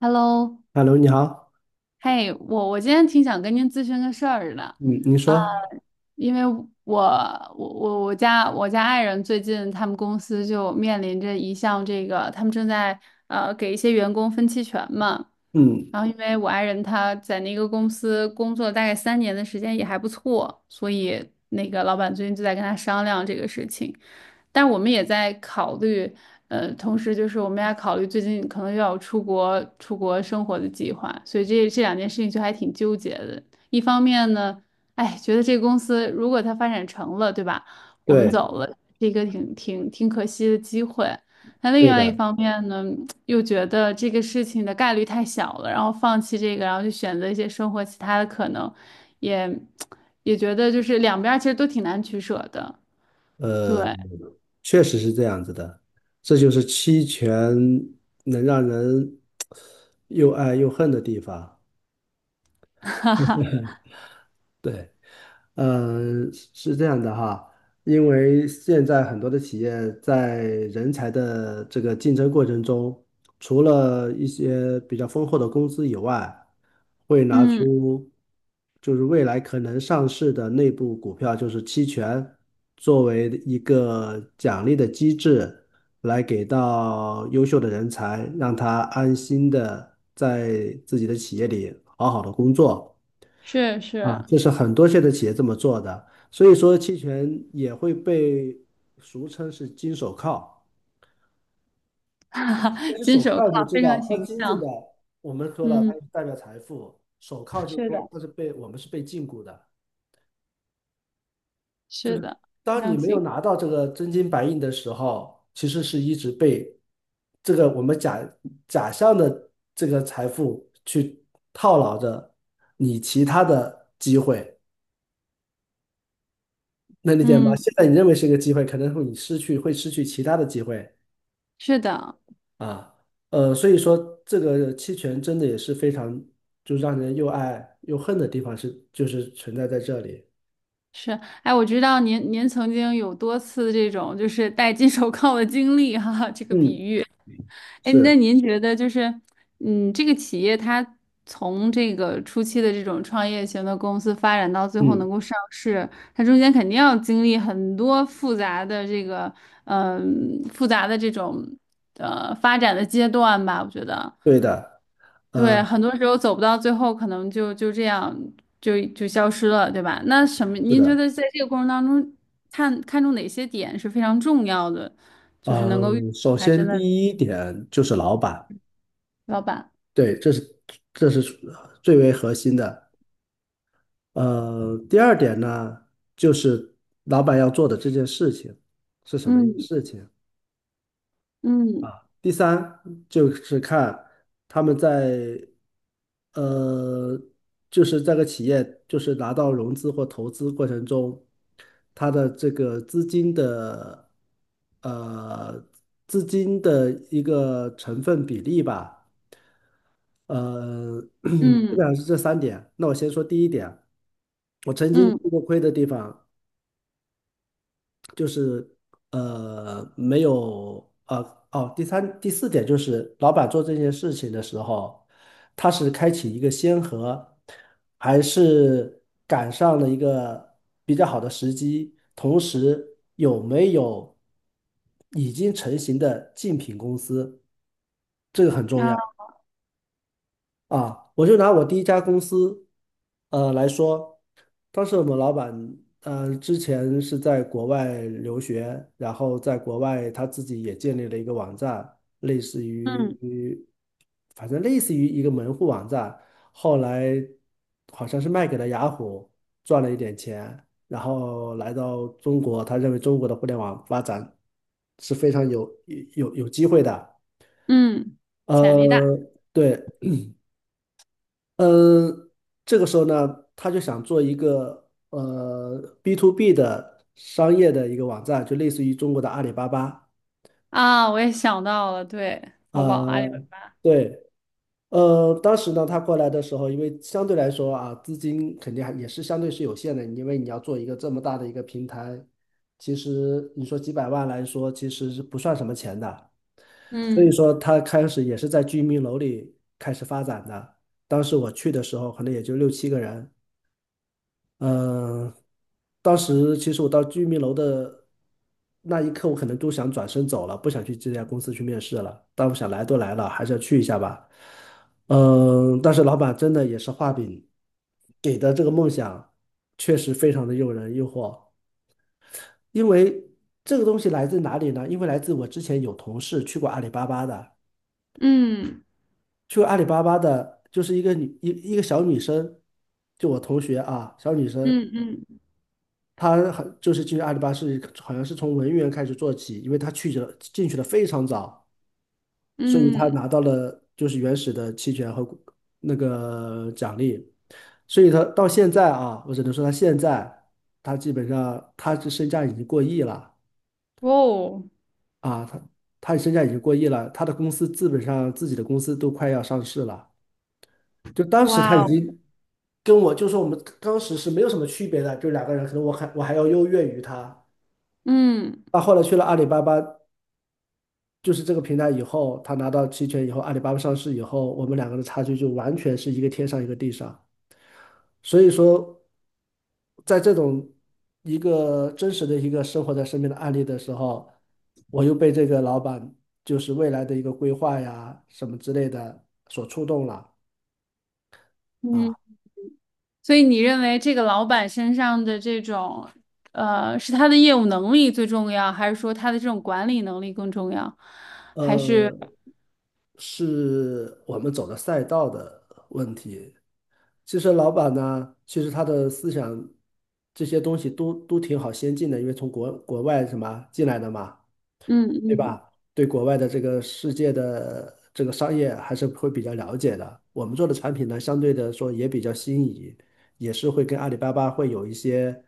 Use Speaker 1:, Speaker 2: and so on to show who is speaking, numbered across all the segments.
Speaker 1: Hello，
Speaker 2: Hello，你好，
Speaker 1: 嘿，我今天挺想跟您咨询个事儿的。
Speaker 2: 嗯，你说，
Speaker 1: 因为我我家爱人最近他们公司就面临着一项这个，他们正在给一些员工分期权嘛。
Speaker 2: 嗯，
Speaker 1: 然后因为我爱人他在那个公司工作大概3年的时间也还不错，所以那个老板最近就在跟他商量这个事情。但我们也在考虑，同时就是我们也考虑最近可能又要出国生活的计划，所以这两件事情就还挺纠结的。一方面呢。哎，觉得这个公司如果它发展成了，对吧？我们
Speaker 2: 对，
Speaker 1: 走了，是一个挺可惜的机会。那另
Speaker 2: 对
Speaker 1: 外一
Speaker 2: 的，
Speaker 1: 方面呢，又觉得这个事情的概率太小了，然后放弃这个，然后去选择一些生活其他的可能，也也觉得就是两边儿其实都挺难取舍的。
Speaker 2: 呃，
Speaker 1: 对，
Speaker 2: 确实是这样子的，这就是期权能让人 又爱又恨的地方。对，嗯，是这样的哈，因为现在很多的企业在人才的这个竞争过程中，除了一些比较丰厚的工资以外，会拿
Speaker 1: 嗯，
Speaker 2: 出就是未来可能上市的内部股票，就是期权，作为一个奖励的机制，来给到优秀的人才，让他安心的在自己的企业里好好的工作。
Speaker 1: 是
Speaker 2: 啊，
Speaker 1: 是，
Speaker 2: 这是很多现在企业这么做的，所以说期权也会被俗称是金手铐。但 是
Speaker 1: 金
Speaker 2: 手
Speaker 1: 手
Speaker 2: 铐
Speaker 1: 铐
Speaker 2: 你知
Speaker 1: 非常
Speaker 2: 道，它
Speaker 1: 形
Speaker 2: 金子的，
Speaker 1: 象。
Speaker 2: 我们说了，它
Speaker 1: 嗯，
Speaker 2: 就代表财富；手铐就是
Speaker 1: 是的，
Speaker 2: 说它是被我们是被禁锢的，就
Speaker 1: 是
Speaker 2: 是
Speaker 1: 的，非
Speaker 2: 当你
Speaker 1: 常
Speaker 2: 没有
Speaker 1: 形，
Speaker 2: 拿到这个真金白银的时候，其实是一直被这个我们假象的这个财富去套牢着你其他的机会。能理解吗？
Speaker 1: 嗯，
Speaker 2: 现在你认为是一个机会，可能会你失去，会失去其他的机会
Speaker 1: 是的。
Speaker 2: 啊。所以说这个期权真的也是非常，就让人又爱又恨的地方是，就是存在在这里。
Speaker 1: 是，哎，我知道您曾经有多次这种就是戴金手铐的经历哈，这个比
Speaker 2: 嗯，
Speaker 1: 喻。哎，那
Speaker 2: 是，
Speaker 1: 您觉得就是，这个企业它从这个初期的这种创业型的公司发展到最后
Speaker 2: 嗯，
Speaker 1: 能够上市，它中间肯定要经历很多复杂的这个，复杂的这种发展的阶段吧，我觉得。
Speaker 2: 对的，呃，
Speaker 1: 对，很多时候走不到最后，可能就这样就消失了，对吧？那什么，
Speaker 2: 是
Speaker 1: 您觉
Speaker 2: 的，
Speaker 1: 得在这个过程当中，看看中哪些点是非常重要的，就是能够遇
Speaker 2: 嗯，首
Speaker 1: 他真
Speaker 2: 先
Speaker 1: 的
Speaker 2: 第一点就是老板，
Speaker 1: 老板？
Speaker 2: 对，这是最为核心的。第二点呢，就是老板要做的这件事情是什么一个
Speaker 1: 嗯
Speaker 2: 事情？
Speaker 1: 嗯
Speaker 2: 第三就是看他们在呃，就是这个企业就是拿到融资或投资过程中，它的这个呃资金的一个成分比例吧，呃，基
Speaker 1: 嗯
Speaker 2: 本上是这三点。那我先说第一点，我曾经
Speaker 1: 嗯
Speaker 2: 吃过亏的地方就是没有第三第四点就是老板做这件事情的时候，他是开启一个先河，还是赶上了一个比较好的时机，同时有没有已经成型的竞品公司，这个很重要。
Speaker 1: 啊
Speaker 2: 啊，我就拿我第一家公司，来说，当时我们老板，之前是在国外留学，然后在国外他自己也建立了一个网站，类似
Speaker 1: 嗯
Speaker 2: 于，反正类似于一个门户网站，后来好像是卖给了雅虎，赚了一点钱，然后来到中国，他认为中国的互联网发展是非常有机会的。
Speaker 1: 嗯，潜力大
Speaker 2: 呃，对，嗯，这个时候呢，他就想做一个B to B 的商业的一个网站，就类似于中国的阿里巴巴。
Speaker 1: 啊，我也想到了，对，淘宝、阿里巴
Speaker 2: 呃，
Speaker 1: 巴，
Speaker 2: 对，当时呢，他过来的时候，因为相对来说啊，资金肯定还也是相对是有限的，因为你要做一个这么大的一个平台，其实你说几百万来说，其实是不算什么钱的。所以
Speaker 1: 嗯
Speaker 2: 说，他开始也是在居民楼里开始发展的。当时我去的时候，可能也就六七个人。嗯、当时其实我到居民楼的那一刻，我可能都想转身走了，不想去这家公司去面试了。但我想来都来了，还是要去一下吧。但是老板真的也是画饼给的这个梦想，确实非常的诱人诱惑。因为这个东西来自哪里呢？因为来自我之前有同事去过阿里巴巴的，
Speaker 1: 嗯
Speaker 2: 去过阿里巴巴的，就是一个小女生，就我同学啊，小女生，
Speaker 1: 嗯嗯
Speaker 2: 他好就是进实阿里巴巴是好像是从文员开始做起，因为他进去的非常早，所以他
Speaker 1: 嗯，
Speaker 2: 拿到了就是原始的期权和那个奖励，所以他到现在啊，我只能说他现在他基本上他这身价已经过亿了
Speaker 1: 哦，
Speaker 2: 啊，他身价已经过亿了，他的公司基本上自己的公司都快要上市了。就当时他
Speaker 1: 哇
Speaker 2: 已
Speaker 1: 哦，
Speaker 2: 经跟我，就说我们当时是没有什么区别的，就两个人，可能我还要优越于他。
Speaker 1: 嗯
Speaker 2: 他后来去了阿里巴巴，就是这个平台以后，他拿到期权以后，阿里巴巴上市以后，我们两个的差距就完全是一个天上一个地上。所以说，在这种一个真实的一个生活在身边的案例的时候，我又被这个老板就是未来的一个规划呀什么之类的所触动了
Speaker 1: 嗯。
Speaker 2: 啊。
Speaker 1: 所以你认为这个老板身上的这种，是他的业务能力最重要，还是说他的这种管理能力更重要？还是
Speaker 2: 呃，是我们走的赛道的问题，其实老板呢，其实他的思想这些东西都挺好先进的，因为从国外什么进来的嘛，
Speaker 1: 嗯
Speaker 2: 对
Speaker 1: 嗯
Speaker 2: 吧？对国外的这个世界的这个商业还是会比较了解的。我们做的产品呢，相对的说也比较新颖，也是会跟阿里巴巴会有一些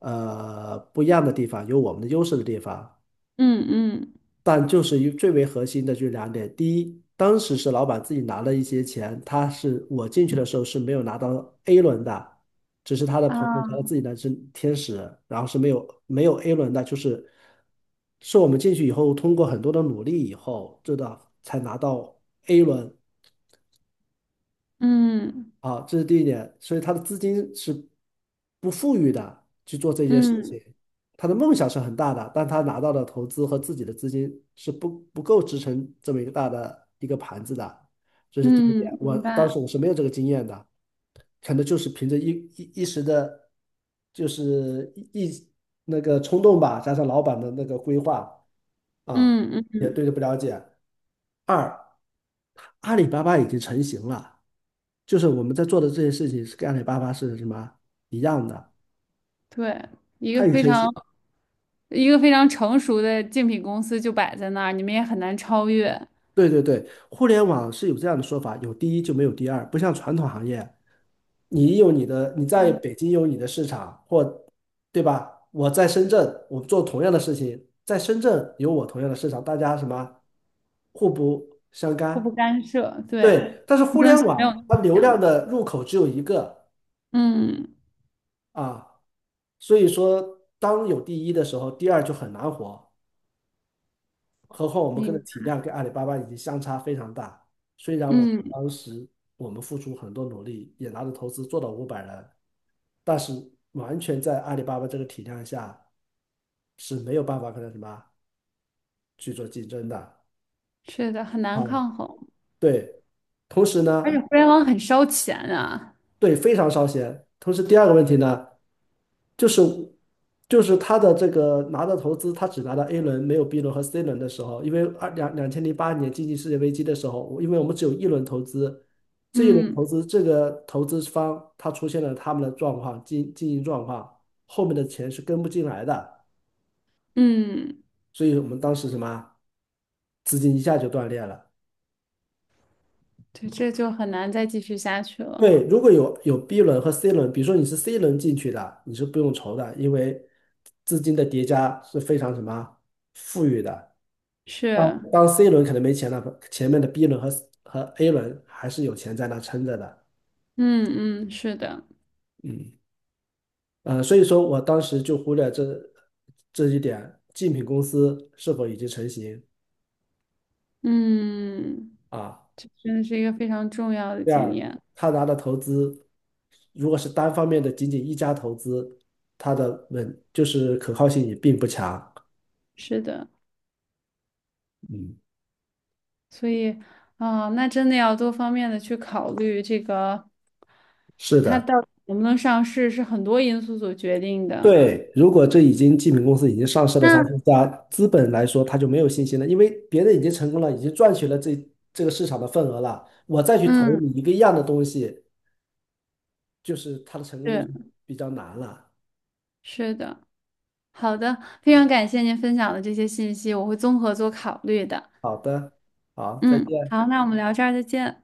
Speaker 2: 不一样的地方，有我们的优势的地方。
Speaker 1: 嗯嗯
Speaker 2: 但就是最为核心的就是两点：第一，当时是老板自己拿了一些钱，他是我进去的时候是没有拿到 A 轮的，只是他的朋友他
Speaker 1: 啊
Speaker 2: 自己的是天使，然后是没有 A 轮的，就是我们进去以后通过很多的努力以后，这的才拿到 A 轮。
Speaker 1: 嗯
Speaker 2: 啊，这是第一点，所以他的资金是不富裕的去做这件事
Speaker 1: 嗯
Speaker 2: 情。他的梦想是很大的，但他拿到的投资和自己的资金是不够支撑这么一个大的一个盘子的，这是第一点。
Speaker 1: 嗯，
Speaker 2: 我
Speaker 1: 明
Speaker 2: 当
Speaker 1: 白，
Speaker 2: 时我是没有这个经验的，可能就是凭着一时的，就是那个冲动吧，加上老板的那个规划啊，
Speaker 1: 嗯嗯，
Speaker 2: 也对这不了解。二，阿里巴巴已经成型了。就是我们在做的这些事情是跟阿里巴巴是什么一样的，
Speaker 1: 对，一
Speaker 2: 它
Speaker 1: 个
Speaker 2: 有
Speaker 1: 非
Speaker 2: 腾讯，
Speaker 1: 常一个非常成熟的竞品公司就摆在那儿，你们也很难超越，
Speaker 2: 对对对，互联网是有这样的说法，有第一就没有第二，不像传统行业，你有你的，你在
Speaker 1: 嗯，
Speaker 2: 北京有你的市场，对吧？我在深圳，我做同样的事情，在深圳有我同样的市场，大家什么互不相
Speaker 1: 互不
Speaker 2: 干，
Speaker 1: 干涉，对，
Speaker 2: 对。但是
Speaker 1: 竞
Speaker 2: 互
Speaker 1: 争
Speaker 2: 联
Speaker 1: 性没有那
Speaker 2: 网它
Speaker 1: 么
Speaker 2: 流量
Speaker 1: 强，
Speaker 2: 的入口只有一个
Speaker 1: 嗯，
Speaker 2: 啊，所以说当有第一的时候，第二就很难活。何况我们跟
Speaker 1: 明
Speaker 2: 的体
Speaker 1: 白，
Speaker 2: 量跟阿里巴巴已经相差非常大。虽然我
Speaker 1: 嗯，
Speaker 2: 当时我们付出很多努力，也拿着投资做到500人，但是完全在阿里巴巴这个体量下是没有办法跟它什么去做竞争的
Speaker 1: 是的，很
Speaker 2: 啊。
Speaker 1: 难抗衡。
Speaker 2: 对，同时
Speaker 1: 而
Speaker 2: 呢，
Speaker 1: 且互联网很烧钱啊，
Speaker 2: 对，非常烧钱。同时第二个问题呢。就是就是他的这个拿到投资，他只拿到 A 轮，没有 B 轮和 C 轮的时候，因为2008年经济世界危机的时候，因为我们只有一轮投资，这一轮投
Speaker 1: 嗯
Speaker 2: 资这个投资方他出现了他们的状况经经营状况，后面的钱是跟不进来的，
Speaker 1: 嗯，
Speaker 2: 所以我们当时什么资金一下就断裂了。
Speaker 1: 对，这就很难再继续下去了。
Speaker 2: 对，如果有 B 轮和 C 轮，比如说你是 C 轮进去的，你是不用愁的，因为资金的叠加是非常什么富裕的。
Speaker 1: 是，
Speaker 2: 当 C 轮可能没钱了，前面的 B 轮和 A 轮还是有钱在那撑着的。
Speaker 1: 嗯嗯，是的，
Speaker 2: 嗯，所以说我当时就忽略这一点，竞品公司是否已经成型
Speaker 1: 嗯，
Speaker 2: 啊？
Speaker 1: 这真的是一个非常重要的
Speaker 2: 第
Speaker 1: 经
Speaker 2: 二，
Speaker 1: 验。
Speaker 2: 他拿的投资，如果是单方面的仅仅一家投资，它的就是可靠性也并不强。
Speaker 1: 是的，
Speaker 2: 嗯，
Speaker 1: 所以啊，那真的要多方面的去考虑这个，
Speaker 2: 是
Speaker 1: 它
Speaker 2: 的。
Speaker 1: 到底能不能上市是很多因素所决定的。
Speaker 2: 对，如果这已经记名公司已经上市了三
Speaker 1: 那
Speaker 2: 四家，资本来说他就没有信心了，因为别人已经成功了，已经赚取了这个市场的份额了，我再去投
Speaker 1: 嗯，
Speaker 2: 你一个一样的东西，就是它的成功率就
Speaker 1: 是
Speaker 2: 比较难了。
Speaker 1: 是的，好的，非常感谢您分享的这些信息，我会综合做考虑的。
Speaker 2: 好的，好，再
Speaker 1: 嗯，
Speaker 2: 见。
Speaker 1: 好，那我们聊这儿再见。